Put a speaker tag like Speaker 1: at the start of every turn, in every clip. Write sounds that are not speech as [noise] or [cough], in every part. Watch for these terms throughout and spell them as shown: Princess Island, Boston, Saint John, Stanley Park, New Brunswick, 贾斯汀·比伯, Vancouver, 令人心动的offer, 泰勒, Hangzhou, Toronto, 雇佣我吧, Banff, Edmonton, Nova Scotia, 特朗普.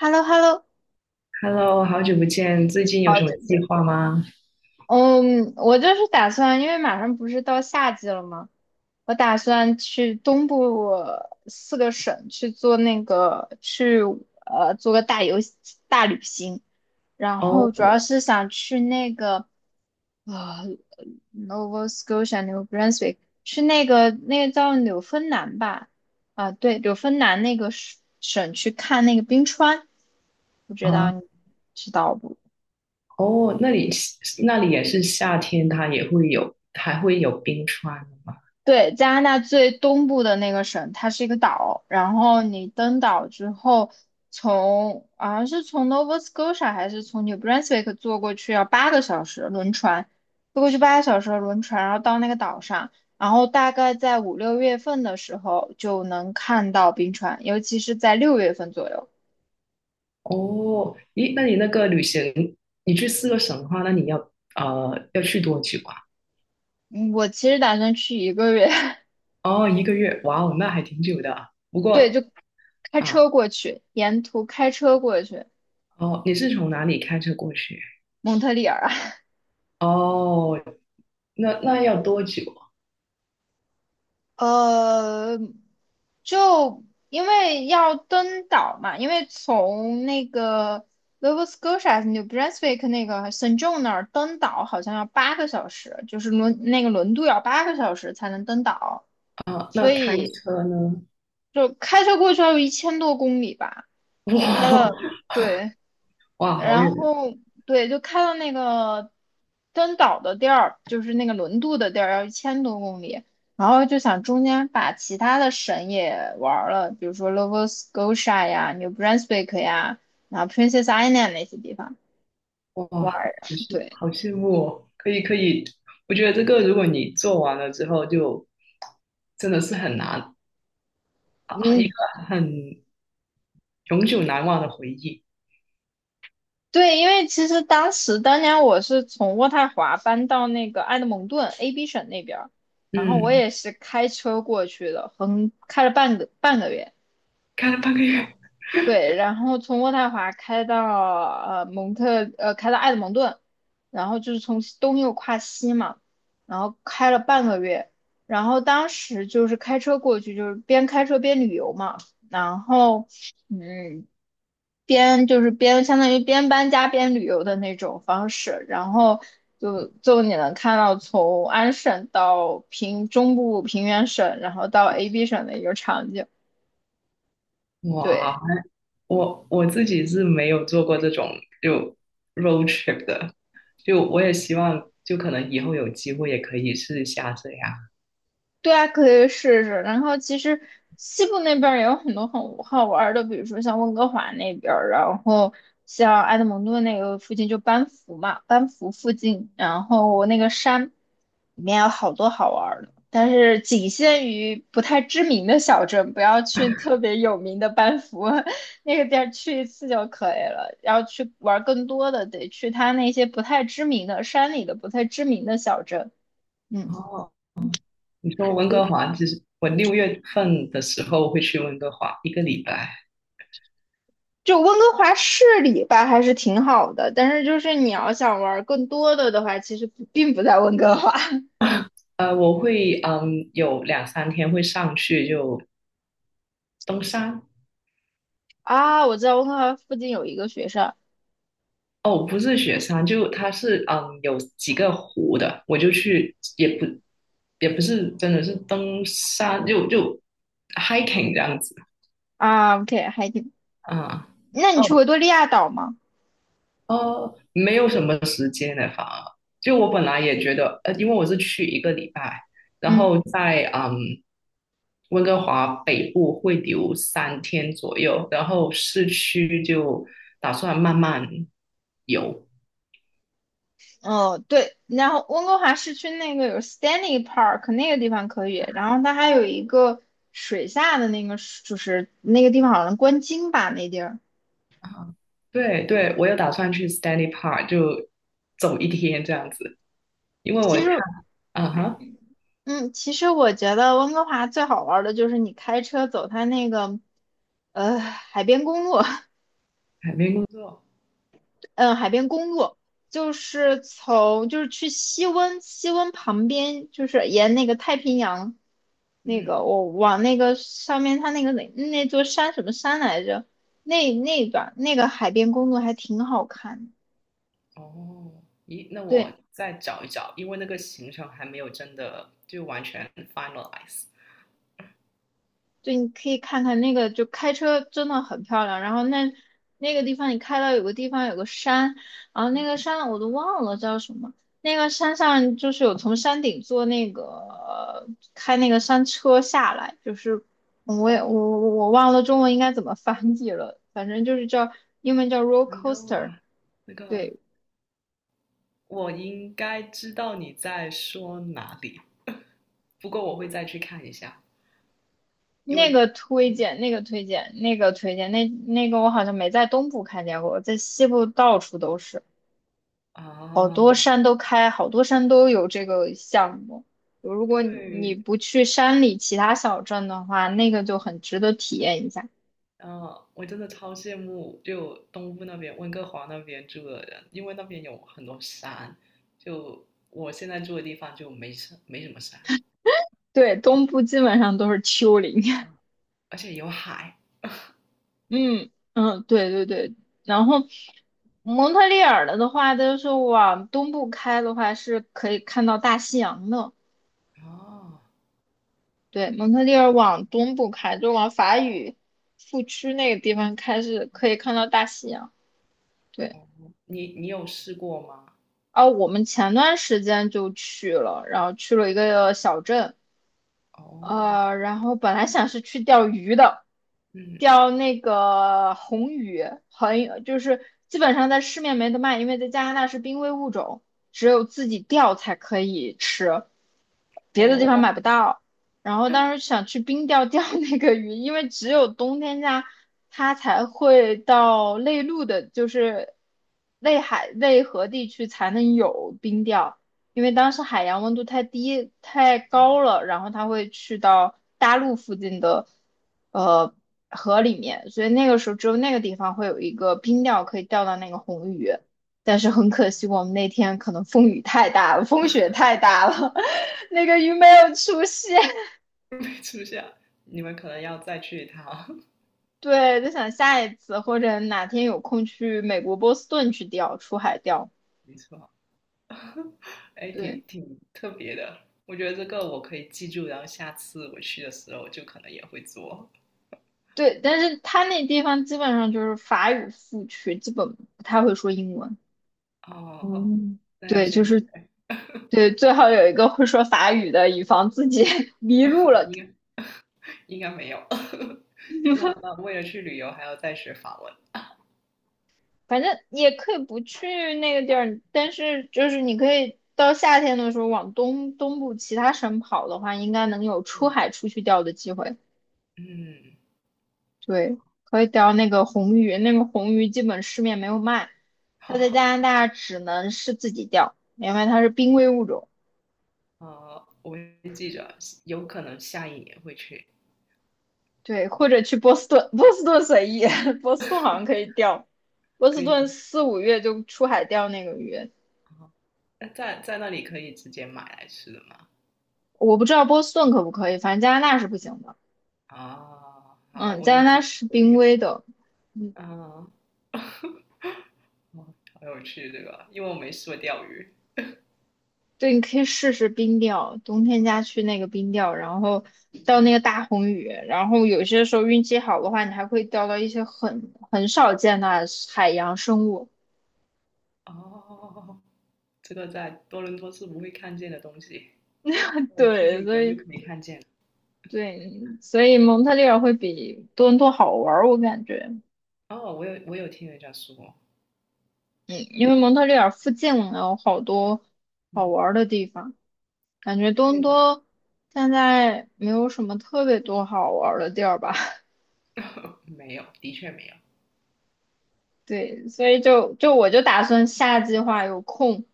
Speaker 1: h e l l o h e l l o
Speaker 2: Hello，好久不见，最近有
Speaker 1: 好
Speaker 2: 什么
Speaker 1: 久不
Speaker 2: 计
Speaker 1: 见。
Speaker 2: 划吗？
Speaker 1: 嗯，我就是打算，因为马上不是到夏季了吗？我打算去东部四个省去做那个去做个大旅行，然后
Speaker 2: 哦，
Speaker 1: 主要是想去那个呃 Nova Scotia New Brunswick 去那个叫纽芬兰吧？啊，对，纽芬兰那个省去看那个冰川，不知道
Speaker 2: 啊，
Speaker 1: 你知道不？
Speaker 2: 哦，那里也是夏天，它也会有，还会有冰川吗？
Speaker 1: 对，加拿大最东部的那个省，它是一个岛，然后你登岛之后从，好像是从 Nova Scotia 还是从 New Brunswick 坐过去要8个小时轮船，坐过去八个小时的轮船，然后到那个岛上，然后大概在五六月份的时候就能看到冰川，尤其是在六月份左右。
Speaker 2: 哦，咦，那你那个旅行，你去四个省的话，那你要去多久啊？
Speaker 1: 嗯，我其实打算去1个月，
Speaker 2: 哦，一个月，哇哦，那还挺久的。不
Speaker 1: [laughs] 对，
Speaker 2: 过
Speaker 1: 就开
Speaker 2: 啊，
Speaker 1: 车过去，沿途开车过去
Speaker 2: 哦，你是从哪里开车过去？
Speaker 1: 蒙特利尔。
Speaker 2: 哦，那要多久啊？
Speaker 1: 呃，就因为要登岛嘛，因为从那个 Nova Scotia New Brunswick 那个 Saint John 那儿登岛好像要8个小时，就是轮那个轮渡要八个小时才能登岛，
Speaker 2: 啊那
Speaker 1: 所
Speaker 2: 开
Speaker 1: 以
Speaker 2: 车呢？
Speaker 1: 就开车过去要有一千多公里吧，开了，
Speaker 2: 哇
Speaker 1: 对。
Speaker 2: [laughs] 哇，好
Speaker 1: 然
Speaker 2: 远，
Speaker 1: 后对，就开到那个登岛的地儿，就是那个轮渡的地儿，要一千多公里。然后就想中间把其他的省也玩儿了，比如说 Nova Scotia 呀、New Brunswick 呀，然后 Princess Island 那些地方
Speaker 2: 哇，
Speaker 1: 玩
Speaker 2: 好
Speaker 1: 儿。
Speaker 2: 羡
Speaker 1: 对，
Speaker 2: 好羡慕哦。可以可以，我觉得这个如果你做完了之后就，真的是很难，啊一
Speaker 1: 嗯，
Speaker 2: 个很永久难忘的回忆。
Speaker 1: 对，因为其实当时当年我是从渥太华搬到那个埃德蒙顿 AB 省那边儿，然后我
Speaker 2: 嗯。
Speaker 1: 也是开车过去的，横开了半个月。
Speaker 2: 开了半个月。
Speaker 1: 对，然后从渥太华开到蒙特，开到埃德蒙顿，然后就是从西东又跨西嘛，然后开了半个月，然后当时就是开车过去，就是边开车边旅游嘛，然后嗯边就是边相当于边搬家边旅游的那种方式，然后就你能看到从安省到平中部平原省，然后到 AB 省的一个场景，对。
Speaker 2: 哇，我自己是没有做过这种就 road trip 的，就我也希望就可能以后有机会也可以试一下这样。
Speaker 1: 对啊，可以试试。然后其实西部那边儿也有很多很好玩儿的，比如说像温哥华那边儿，然后像埃德蒙顿那个附近就班夫嘛，班夫附近，然后那个山里面有好多好玩儿的，但是仅限于不太知名的小镇，不要去特别有名的班夫 [laughs] 那个地儿去一次就可以了。要去玩儿更多的，得去它那些不太知名的山里的不太知名的小镇。嗯。
Speaker 2: 哦，你说温哥
Speaker 1: 对。
Speaker 2: 华，其实我六月份的时候会去温哥华一个礼拜，
Speaker 1: 就温哥华市里吧，还是挺好的，但是就是你要想玩更多的话，其实不并不在温哥华
Speaker 2: 我会有两三天会上去就登山，
Speaker 1: [laughs] 啊。我知道温哥华附近有一个学校
Speaker 2: 哦，不是雪山，就它是有几个湖的，我就去，也不是真的是登山，就 hiking 这样子
Speaker 1: 啊，OK，还挺。
Speaker 2: 啊。
Speaker 1: 那你
Speaker 2: 哦
Speaker 1: 去维多利亚岛吗？
Speaker 2: 哦，没有什么时间的，反而就我本来也觉得，因为我是去一个礼拜，然
Speaker 1: 嗯，
Speaker 2: 后在温哥华北部会留三天左右，然后市区就打算慢慢游。
Speaker 1: 哦，对，然后温哥华市区那个有 Stanley Park 那个地方可以，然后它还有一个水下的那个，就是那个地方好像观鲸吧，那地儿。
Speaker 2: 对对，我有打算去 Stanley Park 就走一天这样子，因为我
Speaker 1: 其
Speaker 2: 看，
Speaker 1: 实
Speaker 2: 啊哈，
Speaker 1: 嗯，其实我觉得温哥华最好玩儿的就是你开车走它那个，海边公路，[laughs]
Speaker 2: 海边工作，
Speaker 1: 嗯，海边公路，就是从就是去西温，西温旁边就是沿那个太平洋，那
Speaker 2: 嗯，
Speaker 1: 个我往那个上面它那个那座山什么山来着？那一段那个海边公路还挺好看的。
Speaker 2: 哦，咦，那我
Speaker 1: 对。
Speaker 2: 再找一找，因为那个行程还没有真的就完全 finalize。
Speaker 1: 对，你可以看看那个，就开车真的很漂亮。然后那那个地方，你开到有个地方有个山，然后那个山我都忘了叫什么。那个山上就是有从山顶坐那个开那个山车下来，就是我也
Speaker 2: 哦，
Speaker 1: 我我我忘了中文应该怎么翻译了，反正就是英文叫 roller
Speaker 2: 杭州
Speaker 1: coaster。
Speaker 2: 啊，那个
Speaker 1: 对，
Speaker 2: 我应该知道你在说哪里，[laughs] 不过我会再去看一下，因
Speaker 1: 那
Speaker 2: 为
Speaker 1: 个推荐，那个推荐，那个推荐，那个我好像没在东部看见过，在西部到处都是。好多
Speaker 2: 啊，
Speaker 1: 山都开，好多山都有这个项目。如果你
Speaker 2: 对
Speaker 1: 不去山里其他小镇的话，那个就很值得体验一下。
Speaker 2: 然后我真的超羡慕，就东部那边温哥华那边住的人，因为那边有很多山，就我现在住的地方就没什么山，
Speaker 1: 对，东部基本上都是丘陵。[laughs]
Speaker 2: 而且有海。
Speaker 1: 嗯，对对对。然后蒙特利尔的话，就是往东部开的话，是可以看到大西洋的。
Speaker 2: 哦，
Speaker 1: 对，蒙特利尔往东部开，就往法语副区那个地方开，是可以看到大西洋。对。
Speaker 2: 哦，你有试过吗？
Speaker 1: 啊，我们前段时间就去了，然后去了一个小镇，
Speaker 2: 哦，
Speaker 1: 然后本来想是去钓鱼的，
Speaker 2: 嗯，
Speaker 1: 钓那个红鱼，很就是基本上在市面没得卖，因为在加拿大是濒危物种，只有自己钓才可以吃，别的地方
Speaker 2: 哦，
Speaker 1: 买不到。然后当时想去冰钓钓 [laughs] 那个鱼，因为只有冬天家它才会到内陆的，就是内海内河地区才能有冰钓。因为当时海洋温度太低太高了，然后它会去到大陆附近的呃河里面，所以那个时候只有那个地方会有一个冰钓可以钓到那个红鱼。但是很可惜，我们那天可能风雨太大了，风雪太大了，[laughs] 那个鱼没有出现。
Speaker 2: 没出现，你们可能要再去一趟。[laughs]
Speaker 1: [laughs] 对，就想下一次或者哪天有空去美国波士顿去钓，出海钓。
Speaker 2: 没错，哎，
Speaker 1: 对
Speaker 2: 挺特别的，我觉得这个我可以记住，然后下次我去的时候就可能也会做。
Speaker 1: 对，但是他那地方基本上就是法语副区，基本不太会说英文。
Speaker 2: 哦，
Speaker 1: 嗯，
Speaker 2: 那要
Speaker 1: 对，
Speaker 2: 先学，
Speaker 1: 对，最好有一个会说法语的，以防自己 [laughs] 迷路了。
Speaker 2: 应该应该没有。[laughs] 那为了去旅游还要再学法文，
Speaker 1: 反正也可以不去那个地儿，但是就是你可以到夏天的时候往东部其他省跑的话，应该能有出海出去钓的机会。
Speaker 2: 嗯，[laughs]
Speaker 1: 对，可以钓那个红鱼，那个红鱼基本市面没有卖，它在
Speaker 2: 好，
Speaker 1: 加拿大只能是自己钓，因为它是濒危物种。
Speaker 2: 我会记着，有可能下一年会去，
Speaker 1: 对，或者去波士顿，波士顿随意，[laughs] 波士顿好像可以钓，波
Speaker 2: 可
Speaker 1: 士
Speaker 2: 以自
Speaker 1: 顿
Speaker 2: 己，
Speaker 1: 四五月就出海钓那个鱼，
Speaker 2: 啊，那在那里可以直接买来吃的吗？
Speaker 1: 我不知道波士顿可不可以，反正加拿大是不行的。
Speaker 2: 啊，好，
Speaker 1: 嗯，
Speaker 2: 我要
Speaker 1: 加拿
Speaker 2: 自
Speaker 1: 大
Speaker 2: 己
Speaker 1: 是
Speaker 2: 钓
Speaker 1: 濒
Speaker 2: 鱼，
Speaker 1: 危的，
Speaker 2: 啊，哦，好有趣这个，因为我没试过钓鱼
Speaker 1: 对，你可以试试冰钓，冬天家去那个冰钓，然后钓那
Speaker 2: 啊，
Speaker 1: 个大红鱼，然后有些时候运气好的话，你还会钓到一些很少见的海洋生物。
Speaker 2: 哦，这个在多伦多是不会看见的东西，
Speaker 1: [laughs]
Speaker 2: 我去
Speaker 1: 对，
Speaker 2: 旅游就可以看见了。
Speaker 1: 对，所以蒙特利尔会比多伦多好玩儿，我感觉。
Speaker 2: 哦，我有听人家说，
Speaker 1: 嗯，因为蒙特利尔附近有好多好
Speaker 2: 嗯，
Speaker 1: 玩儿的地方，感觉东多现在没有什么特别多好玩儿的地儿吧。[laughs]
Speaker 2: [laughs] 没有，的确没有。
Speaker 1: 对，所以我就打算下计划有空，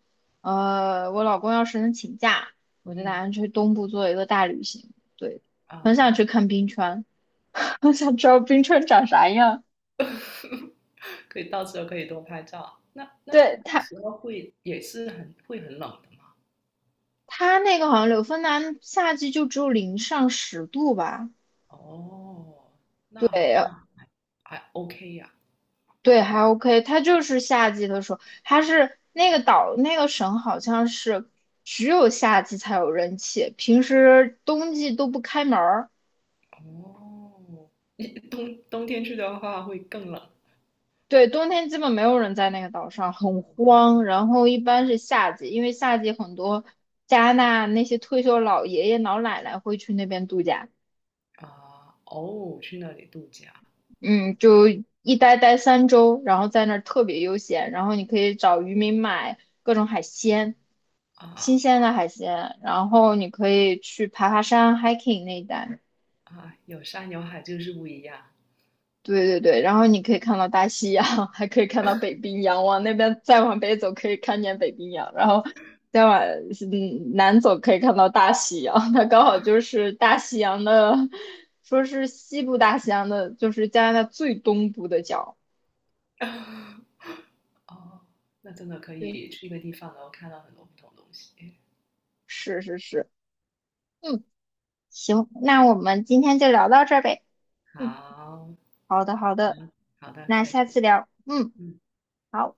Speaker 1: 我老公要是能请假，我就打
Speaker 2: 嗯
Speaker 1: 算去东部做一个大旅行。对，很
Speaker 2: 啊、
Speaker 1: 想
Speaker 2: 呃
Speaker 1: 去看冰川，[laughs] 很想知道冰川长啥样。
Speaker 2: 可以到时候可以多拍照。那
Speaker 1: 对，
Speaker 2: 到时候会也是很会很冷的嘛？
Speaker 1: 它那个好像柳芬兰夏季就只有零上10度吧。
Speaker 2: 哦，那好
Speaker 1: 对，
Speaker 2: 像还 OK 呀、
Speaker 1: 对，还 OK，它就是夏季的时候，它是那个岛那个省好像是只有夏季才有人气，平时冬季都不开门儿。
Speaker 2: 哦，你冬天去的话会更冷
Speaker 1: 对，冬天基本没有人在那个岛上，很荒。然后一般是夏季，因为夏季很多加拿大那些退休老爷爷老奶奶会去那边度假。
Speaker 2: 啊。哦，去那里度假
Speaker 1: 嗯，就待3周，然后在那儿特别悠闲，然后你可以找渔民买各种海鲜，
Speaker 2: 啊
Speaker 1: 新鲜的海鲜，然后你可以去爬爬山，hiking 那一带。
Speaker 2: 啊，有山有海就是不一样。
Speaker 1: 对对对，然后你可以看到大西洋，[laughs] 还可以看到北冰洋，往那边再往北走可以看见北冰洋，然后再往南走可以看到大西洋，[laughs] 它刚好就是大西洋的，说是西部大西洋的，就是加拿大最东部的角。
Speaker 2: [laughs] 哦，那真的可
Speaker 1: 对，
Speaker 2: 以去一个地方，然后看到很多不同东西。
Speaker 1: 是是是。嗯，行，那我们今天就聊到这儿呗。嗯，
Speaker 2: 好，
Speaker 1: 好的，好
Speaker 2: 好，
Speaker 1: 的，
Speaker 2: 好的，
Speaker 1: 那
Speaker 2: 再见。
Speaker 1: 下次聊。嗯，
Speaker 2: 嗯。
Speaker 1: 好。